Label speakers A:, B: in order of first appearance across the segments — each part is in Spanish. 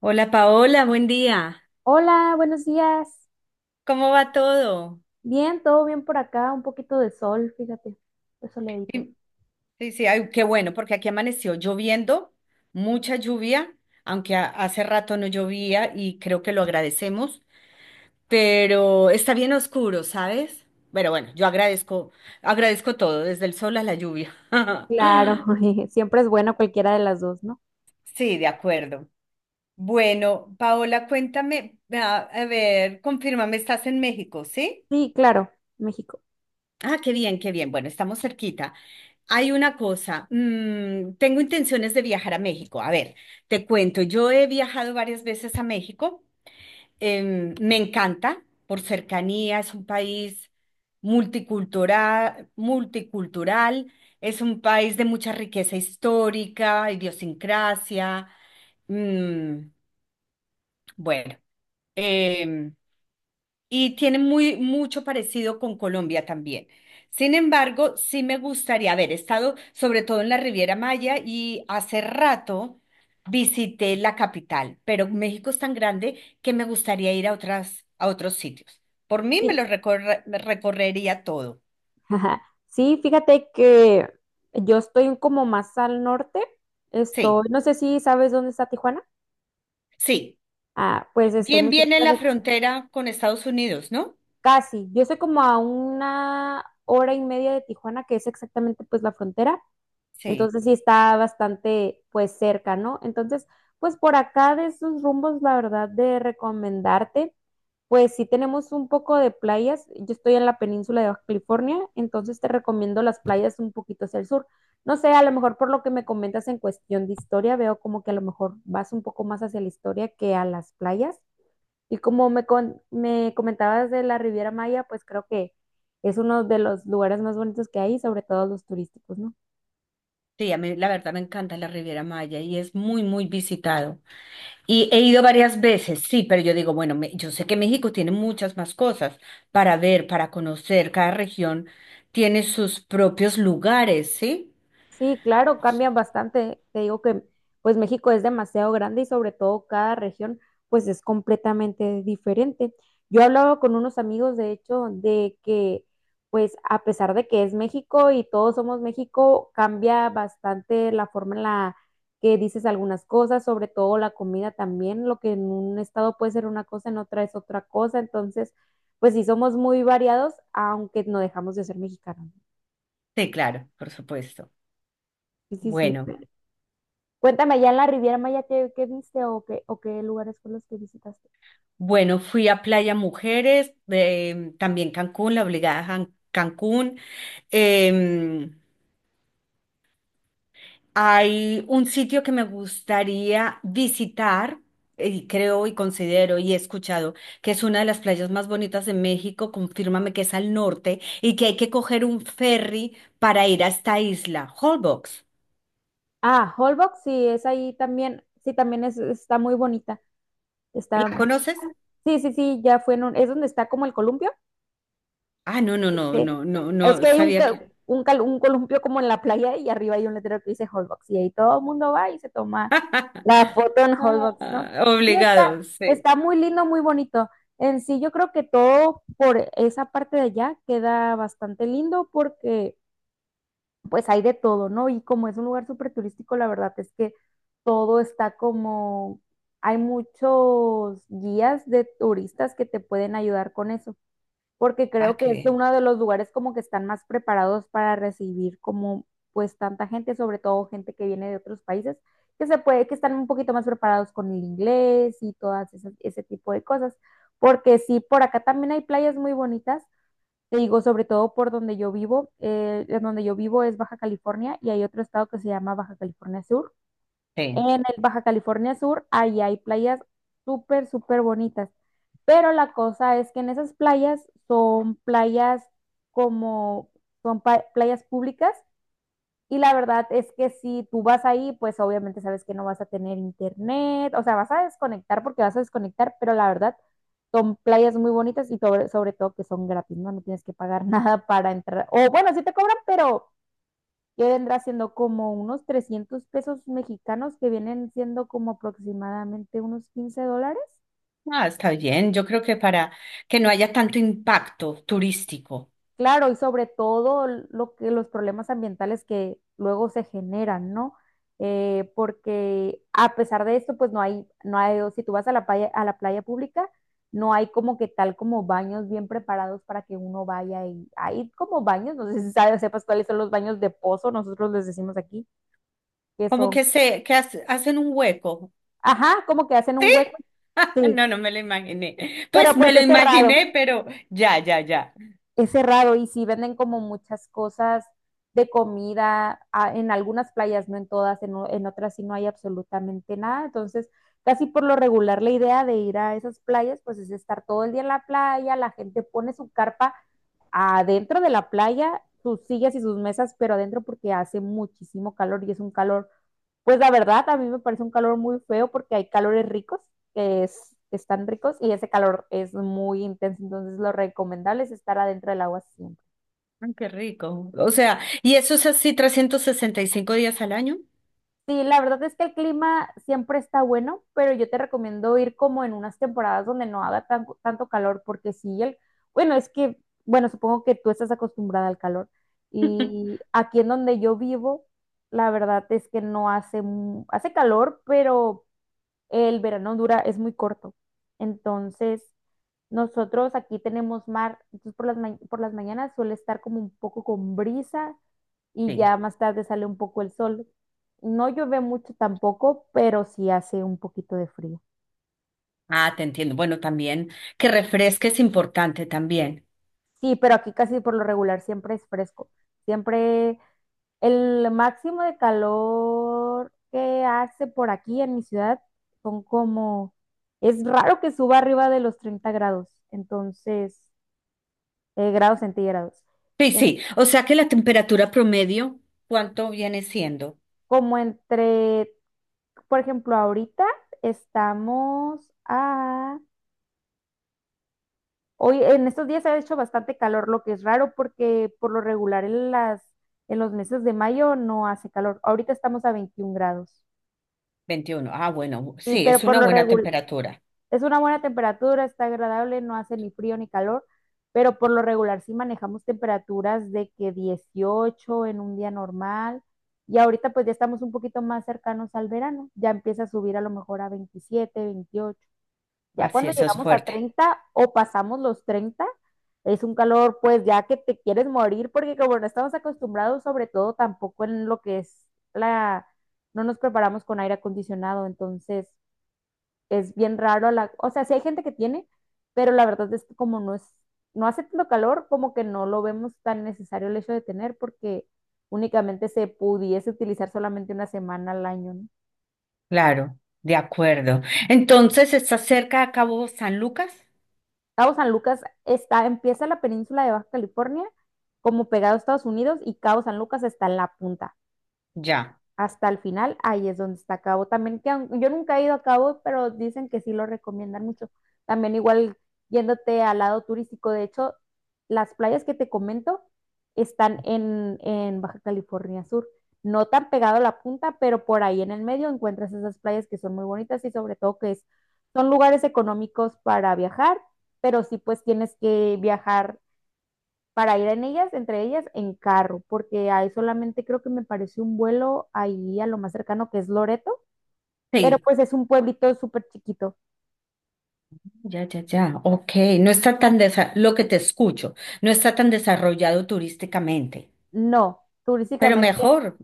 A: Hola Paola, buen día.
B: Hola, buenos días.
A: ¿Cómo va todo?
B: Bien, todo bien por acá, un poquito de sol, fíjate, de soleadito.
A: Y- Sí, sí, ay, qué bueno, porque aquí amaneció lloviendo, mucha lluvia, aunque hace rato no llovía y creo que lo agradecemos, pero está bien oscuro, ¿sabes? Pero bueno, yo agradezco, agradezco todo, desde el sol a la lluvia.
B: Claro, siempre es bueno cualquiera de las dos, ¿no?
A: Sí, de acuerdo. Bueno, Paola, cuéntame, a ver, confírmame, estás en México, ¿sí?
B: Sí, claro, México.
A: Ah, qué bien, qué bien. Bueno, estamos cerquita. Hay una cosa, tengo intenciones de viajar a México. A ver, te cuento, yo he viajado varias veces a México. Me encanta por cercanía, es un país multicultural, es un país de mucha riqueza histórica, idiosincrasia. mm, bueno, em, y tiene mucho parecido con Colombia también. Sin embargo, sí me gustaría haber estado sobre todo en la Riviera Maya y hace rato visité la capital, pero México es tan grande que me gustaría ir a a otros sitios. Por mí
B: Sí,
A: me recorrería todo.
B: ajá. Sí, fíjate que yo estoy como más al norte.
A: Sí,
B: Estoy, no sé si sabes dónde está Tijuana.
A: sí.
B: Ah, pues estoy
A: Bien,
B: muy
A: bien en
B: cerca
A: la
B: de
A: frontera con Estados Unidos, ¿no?
B: casi. Yo estoy como a una hora y media de Tijuana, que es exactamente pues la frontera.
A: Sí,
B: Entonces sí está bastante pues cerca, ¿no? Entonces, pues por acá de esos rumbos, la verdad, de recomendarte, pues sí tenemos un poco de playas. Yo estoy en la península de Baja California, entonces te recomiendo las playas un poquito hacia el sur. No sé, a lo mejor por lo que me comentas en cuestión de historia, veo como que a lo mejor vas un poco más hacia la historia que a las playas. Y como me comentabas de la Riviera Maya, pues creo que es uno de los lugares más bonitos que hay, sobre todo los turísticos, ¿no?
A: sí, a mí la verdad me encanta la Riviera Maya y es muy, muy visitado. Y he ido varias veces, sí, pero yo digo, bueno, yo sé que México tiene muchas más cosas para ver, para conocer, cada región tiene sus propios lugares, ¿sí?
B: Sí, claro, cambian bastante. Te digo que pues México es demasiado grande y sobre todo cada región pues es completamente diferente. Yo hablaba con unos amigos de hecho de que pues a pesar de que es México y todos somos México, cambia bastante la forma en la que dices algunas cosas, sobre todo la comida también, lo que en un estado puede ser una cosa, en otra es otra cosa. Entonces, pues sí somos muy variados, aunque no dejamos de ser mexicanos.
A: Sí, claro, por supuesto.
B: Sí, sí, sí.
A: Bueno,
B: Cuéntame, ya en la Riviera Maya, ¿qué viste o qué lugares fueron los que visitaste?
A: bueno, fui a Playa Mujeres, también Cancún, la obligada Cancún. em, Hay un sitio que me gustaría visitar, y creo y considero y he escuchado que es una de las playas más bonitas de México, confírmame que es al norte y que hay que coger un ferry para ir a esta isla, Holbox.
B: Ah, Holbox, sí, es ahí también, sí, también está muy bonita, está
A: ¿La
B: bonita.
A: conoces?
B: Sí, sí, sí, ya fue es donde está como el columpio.
A: Ah, no, no, no,
B: Sí.
A: no, no,
B: Es
A: no
B: que hay un,
A: sabía
B: ca-
A: que.
B: un, cal- un columpio como en la playa y arriba hay un letrero que dice Holbox y ahí todo el mundo va y se toma la foto en Holbox, ¿no?
A: Ah,
B: Sí, está,
A: obligado, sí.
B: está muy lindo, muy bonito. En sí, yo creo que todo por esa parte de allá queda bastante lindo porque pues hay de todo, ¿no? Y como es un lugar súper turístico, la verdad es que todo está como, hay muchos guías de turistas que te pueden ayudar con eso, porque
A: Ah,
B: creo que
A: qué
B: es
A: bien.
B: uno de los lugares como que están más preparados para recibir como pues tanta gente, sobre todo gente que viene de otros países, que se puede, que están un poquito más preparados con el inglés y ese tipo de cosas, porque sí, por acá también hay playas muy bonitas te digo, sobre todo por donde yo vivo, en donde yo vivo es Baja California y hay otro estado que se llama Baja California Sur. En
A: Sí.
B: el Baja California Sur, ahí hay playas súper, súper bonitas. Pero la cosa es que en esas playas son playas como, son pa- playas públicas y la verdad es que si tú vas ahí, pues obviamente sabes que no vas a tener internet, o sea, vas a desconectar porque vas a desconectar, pero la verdad son playas muy bonitas y sobre todo que son gratis, ¿no? No tienes que pagar nada para entrar. O bueno, sí te cobran, pero que vendrá siendo como unos 300 pesos mexicanos que vienen siendo como aproximadamente unos 15 dólares.
A: Ah, está bien. Yo creo que para que no haya tanto impacto turístico,
B: Claro, y sobre todo lo que los problemas ambientales que luego se generan, ¿no? Porque a pesar de esto, pues no hay, o si tú vas a la playa pública, no hay como que tal como baños bien preparados para que uno vaya y hay como baños, no sé si sepas cuáles son los baños de pozo, nosotros les decimos aquí, que
A: como
B: son,
A: que hacen un hueco.
B: ajá, como que hacen
A: ¿Sí?
B: un hueco, sí,
A: No, no me lo imaginé.
B: pero
A: Pues me
B: pues
A: lo
B: es cerrado.
A: imaginé, pero ya, ya, ya.
B: Es cerrado y sí venden como muchas cosas de comida en algunas playas, no en todas, en otras sí no hay absolutamente nada. Entonces, casi por lo regular la idea de ir a esas playas, pues es estar todo el día en la playa, la gente pone su carpa adentro de la playa, sus sillas y sus mesas, pero adentro porque hace muchísimo calor y es un calor, pues la verdad, a mí me parece un calor muy feo porque hay calores ricos están ricos y ese calor es muy intenso, entonces lo recomendable es estar adentro del agua siempre.
A: Ah, qué rico. O sea, ¿y eso es así 365 días al año?
B: Sí, la verdad es que el clima siempre está bueno, pero yo te recomiendo ir como en unas temporadas donde no haga tanto calor, porque sí, bueno, es que, bueno, supongo que tú estás acostumbrada al calor. Y aquí en donde yo vivo, la verdad es que no hace, hace calor, pero el verano dura, es muy corto. Entonces, nosotros aquí tenemos mar, entonces por las mañanas suele estar como un poco con brisa y
A: Sí.
B: ya más tarde sale un poco el sol. No llueve mucho tampoco, pero sí hace un poquito de frío.
A: Ah, te entiendo. Bueno, también que refresque es importante también.
B: Sí, pero aquí casi por lo regular siempre es fresco. Siempre el máximo de calor que hace por aquí en mi ciudad son como, es raro que suba arriba de los 30 grados. Entonces, grados centígrados.
A: Sí,
B: En-
A: sí. O sea que la temperatura promedio, ¿cuánto viene siendo?
B: Como entre, por ejemplo, ahorita estamos a... Hoy, en estos días ha hecho bastante calor, lo que es raro porque por lo regular en los meses de mayo no hace calor. Ahorita estamos a 21 grados.
A: 21. Ah, bueno,
B: Sí,
A: sí, es
B: pero por
A: una
B: lo
A: buena
B: regular,
A: temperatura.
B: es una buena temperatura, está agradable, no hace ni frío ni calor, pero por lo regular sí manejamos temperaturas de que 18 en un día normal y ahorita pues ya estamos un poquito más cercanos al verano, ya empieza a subir a lo mejor a 27 28. Ya
A: Así,
B: cuando
A: eso es
B: llegamos a
A: fuerte.
B: 30 o pasamos los 30 es un calor pues ya que te quieres morir porque como no estamos acostumbrados sobre todo tampoco en lo que es la, no nos preparamos con aire acondicionado, entonces es bien raro o sea, sí hay gente que tiene, pero la verdad es que como no es, no hace tanto calor, como que no lo vemos tan necesario el hecho de tener, porque únicamente se pudiese utilizar solamente una semana al año, ¿no?
A: Claro, de acuerdo. Entonces, ¿está cerca a Cabo San Lucas?
B: Cabo San Lucas está, empieza la península de Baja California, como pegado a Estados Unidos, y Cabo San Lucas está en la punta.
A: Ya.
B: Hasta el final, ahí es donde está Cabo. También que yo nunca he ido a Cabo, pero dicen que sí lo recomiendan mucho. También igual yéndote al lado turístico, de hecho, las playas que te comento están en Baja California Sur. No tan pegado a la punta, pero por ahí en el medio encuentras esas playas que son muy bonitas y sobre todo que son lugares económicos para viajar, pero sí pues tienes que viajar para ir en ellas, entre ellas, en carro, porque ahí solamente creo que me pareció un vuelo ahí a lo más cercano que es Loreto, pero
A: Sí.
B: pues es un pueblito súper chiquito.
A: Ya, ya, ya. Ok, no está tan desa- lo que te escucho, no está tan desarrollado turísticamente,
B: No,
A: pero
B: turísticamente.
A: mejor.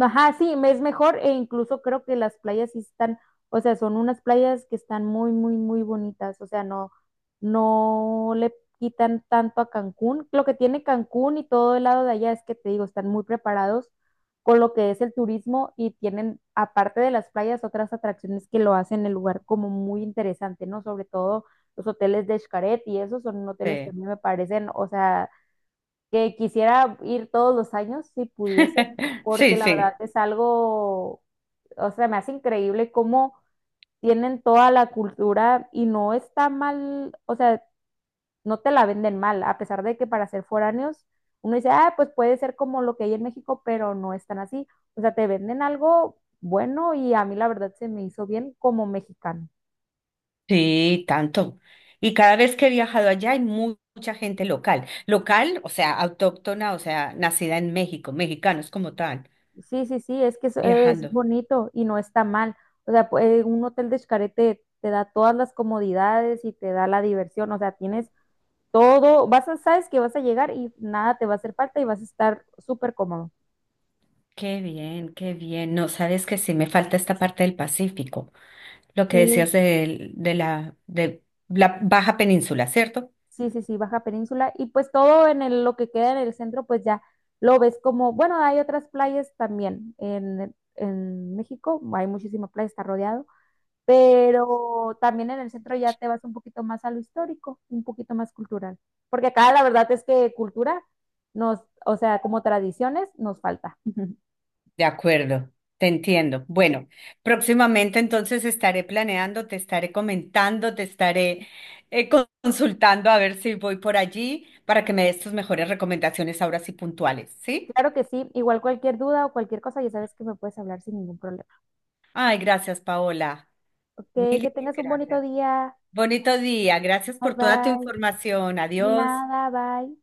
B: Ajá, sí, es mejor e incluso creo que las playas sí están, o sea, son unas playas que están muy, muy, muy bonitas, o sea, no, no le quitan tanto a Cancún. Lo que tiene Cancún y todo el lado de allá es que te digo, están muy preparados con lo que es el turismo y tienen, aparte de las playas, otras atracciones que lo hacen el lugar como muy interesante, ¿no? Sobre todo los hoteles de Xcaret y esos son hoteles que a
A: Sí.
B: mí me parecen, o sea, que quisiera ir todos los años si pudiese, porque
A: Sí,
B: la verdad
A: sí,
B: es algo, o sea, me hace increíble cómo tienen toda la cultura y no está mal, o sea, no te la venden mal, a pesar de que para ser foráneos uno dice, ah, pues puede ser como lo que hay en México, pero no es tan así, o sea, te venden algo bueno y a mí la verdad se me hizo bien como mexicano.
A: sí, tanto. Y cada vez que he viajado allá hay mucha gente local. Local, o sea, autóctona, o sea, nacida en México, mexicanos como tal,
B: Sí, sí, sí, es que es
A: viajando.
B: bonito y no está mal. O sea, un hotel de Xcaret te da todas las comodidades y te da la diversión. O sea, tienes todo, sabes que vas a llegar y nada te va a hacer falta y vas a estar súper cómodo.
A: Qué bien, qué bien. No, sabes que sí me falta esta parte del Pacífico, lo que
B: Sí,
A: decías de la baja península, ¿cierto?
B: sí, sí, sí, Baja Península. Y pues todo lo que queda en el centro, pues ya lo ves como, bueno, hay otras playas también en México, hay muchísimas playas, está rodeado. Pero también en el centro ya te vas un poquito más a lo histórico, un poquito más cultural, porque acá la verdad es que cultura o sea, como tradiciones nos falta.
A: De acuerdo, te entiendo. Bueno, próximamente entonces estaré planeando, te estaré comentando, te estaré consultando a ver si voy por allí para que me des tus mejores recomendaciones ahora sí puntuales, ¿sí?
B: Claro que sí, igual cualquier duda o cualquier cosa, ya sabes que me puedes hablar sin ningún problema.
A: Ay, gracias, Paola.
B: Ok,
A: Mil
B: que
A: y mil
B: tengas un bonito
A: gracias.
B: día.
A: Bonito día, gracias
B: Bye
A: por toda tu
B: bye.
A: información.
B: De
A: Adiós.
B: nada, bye.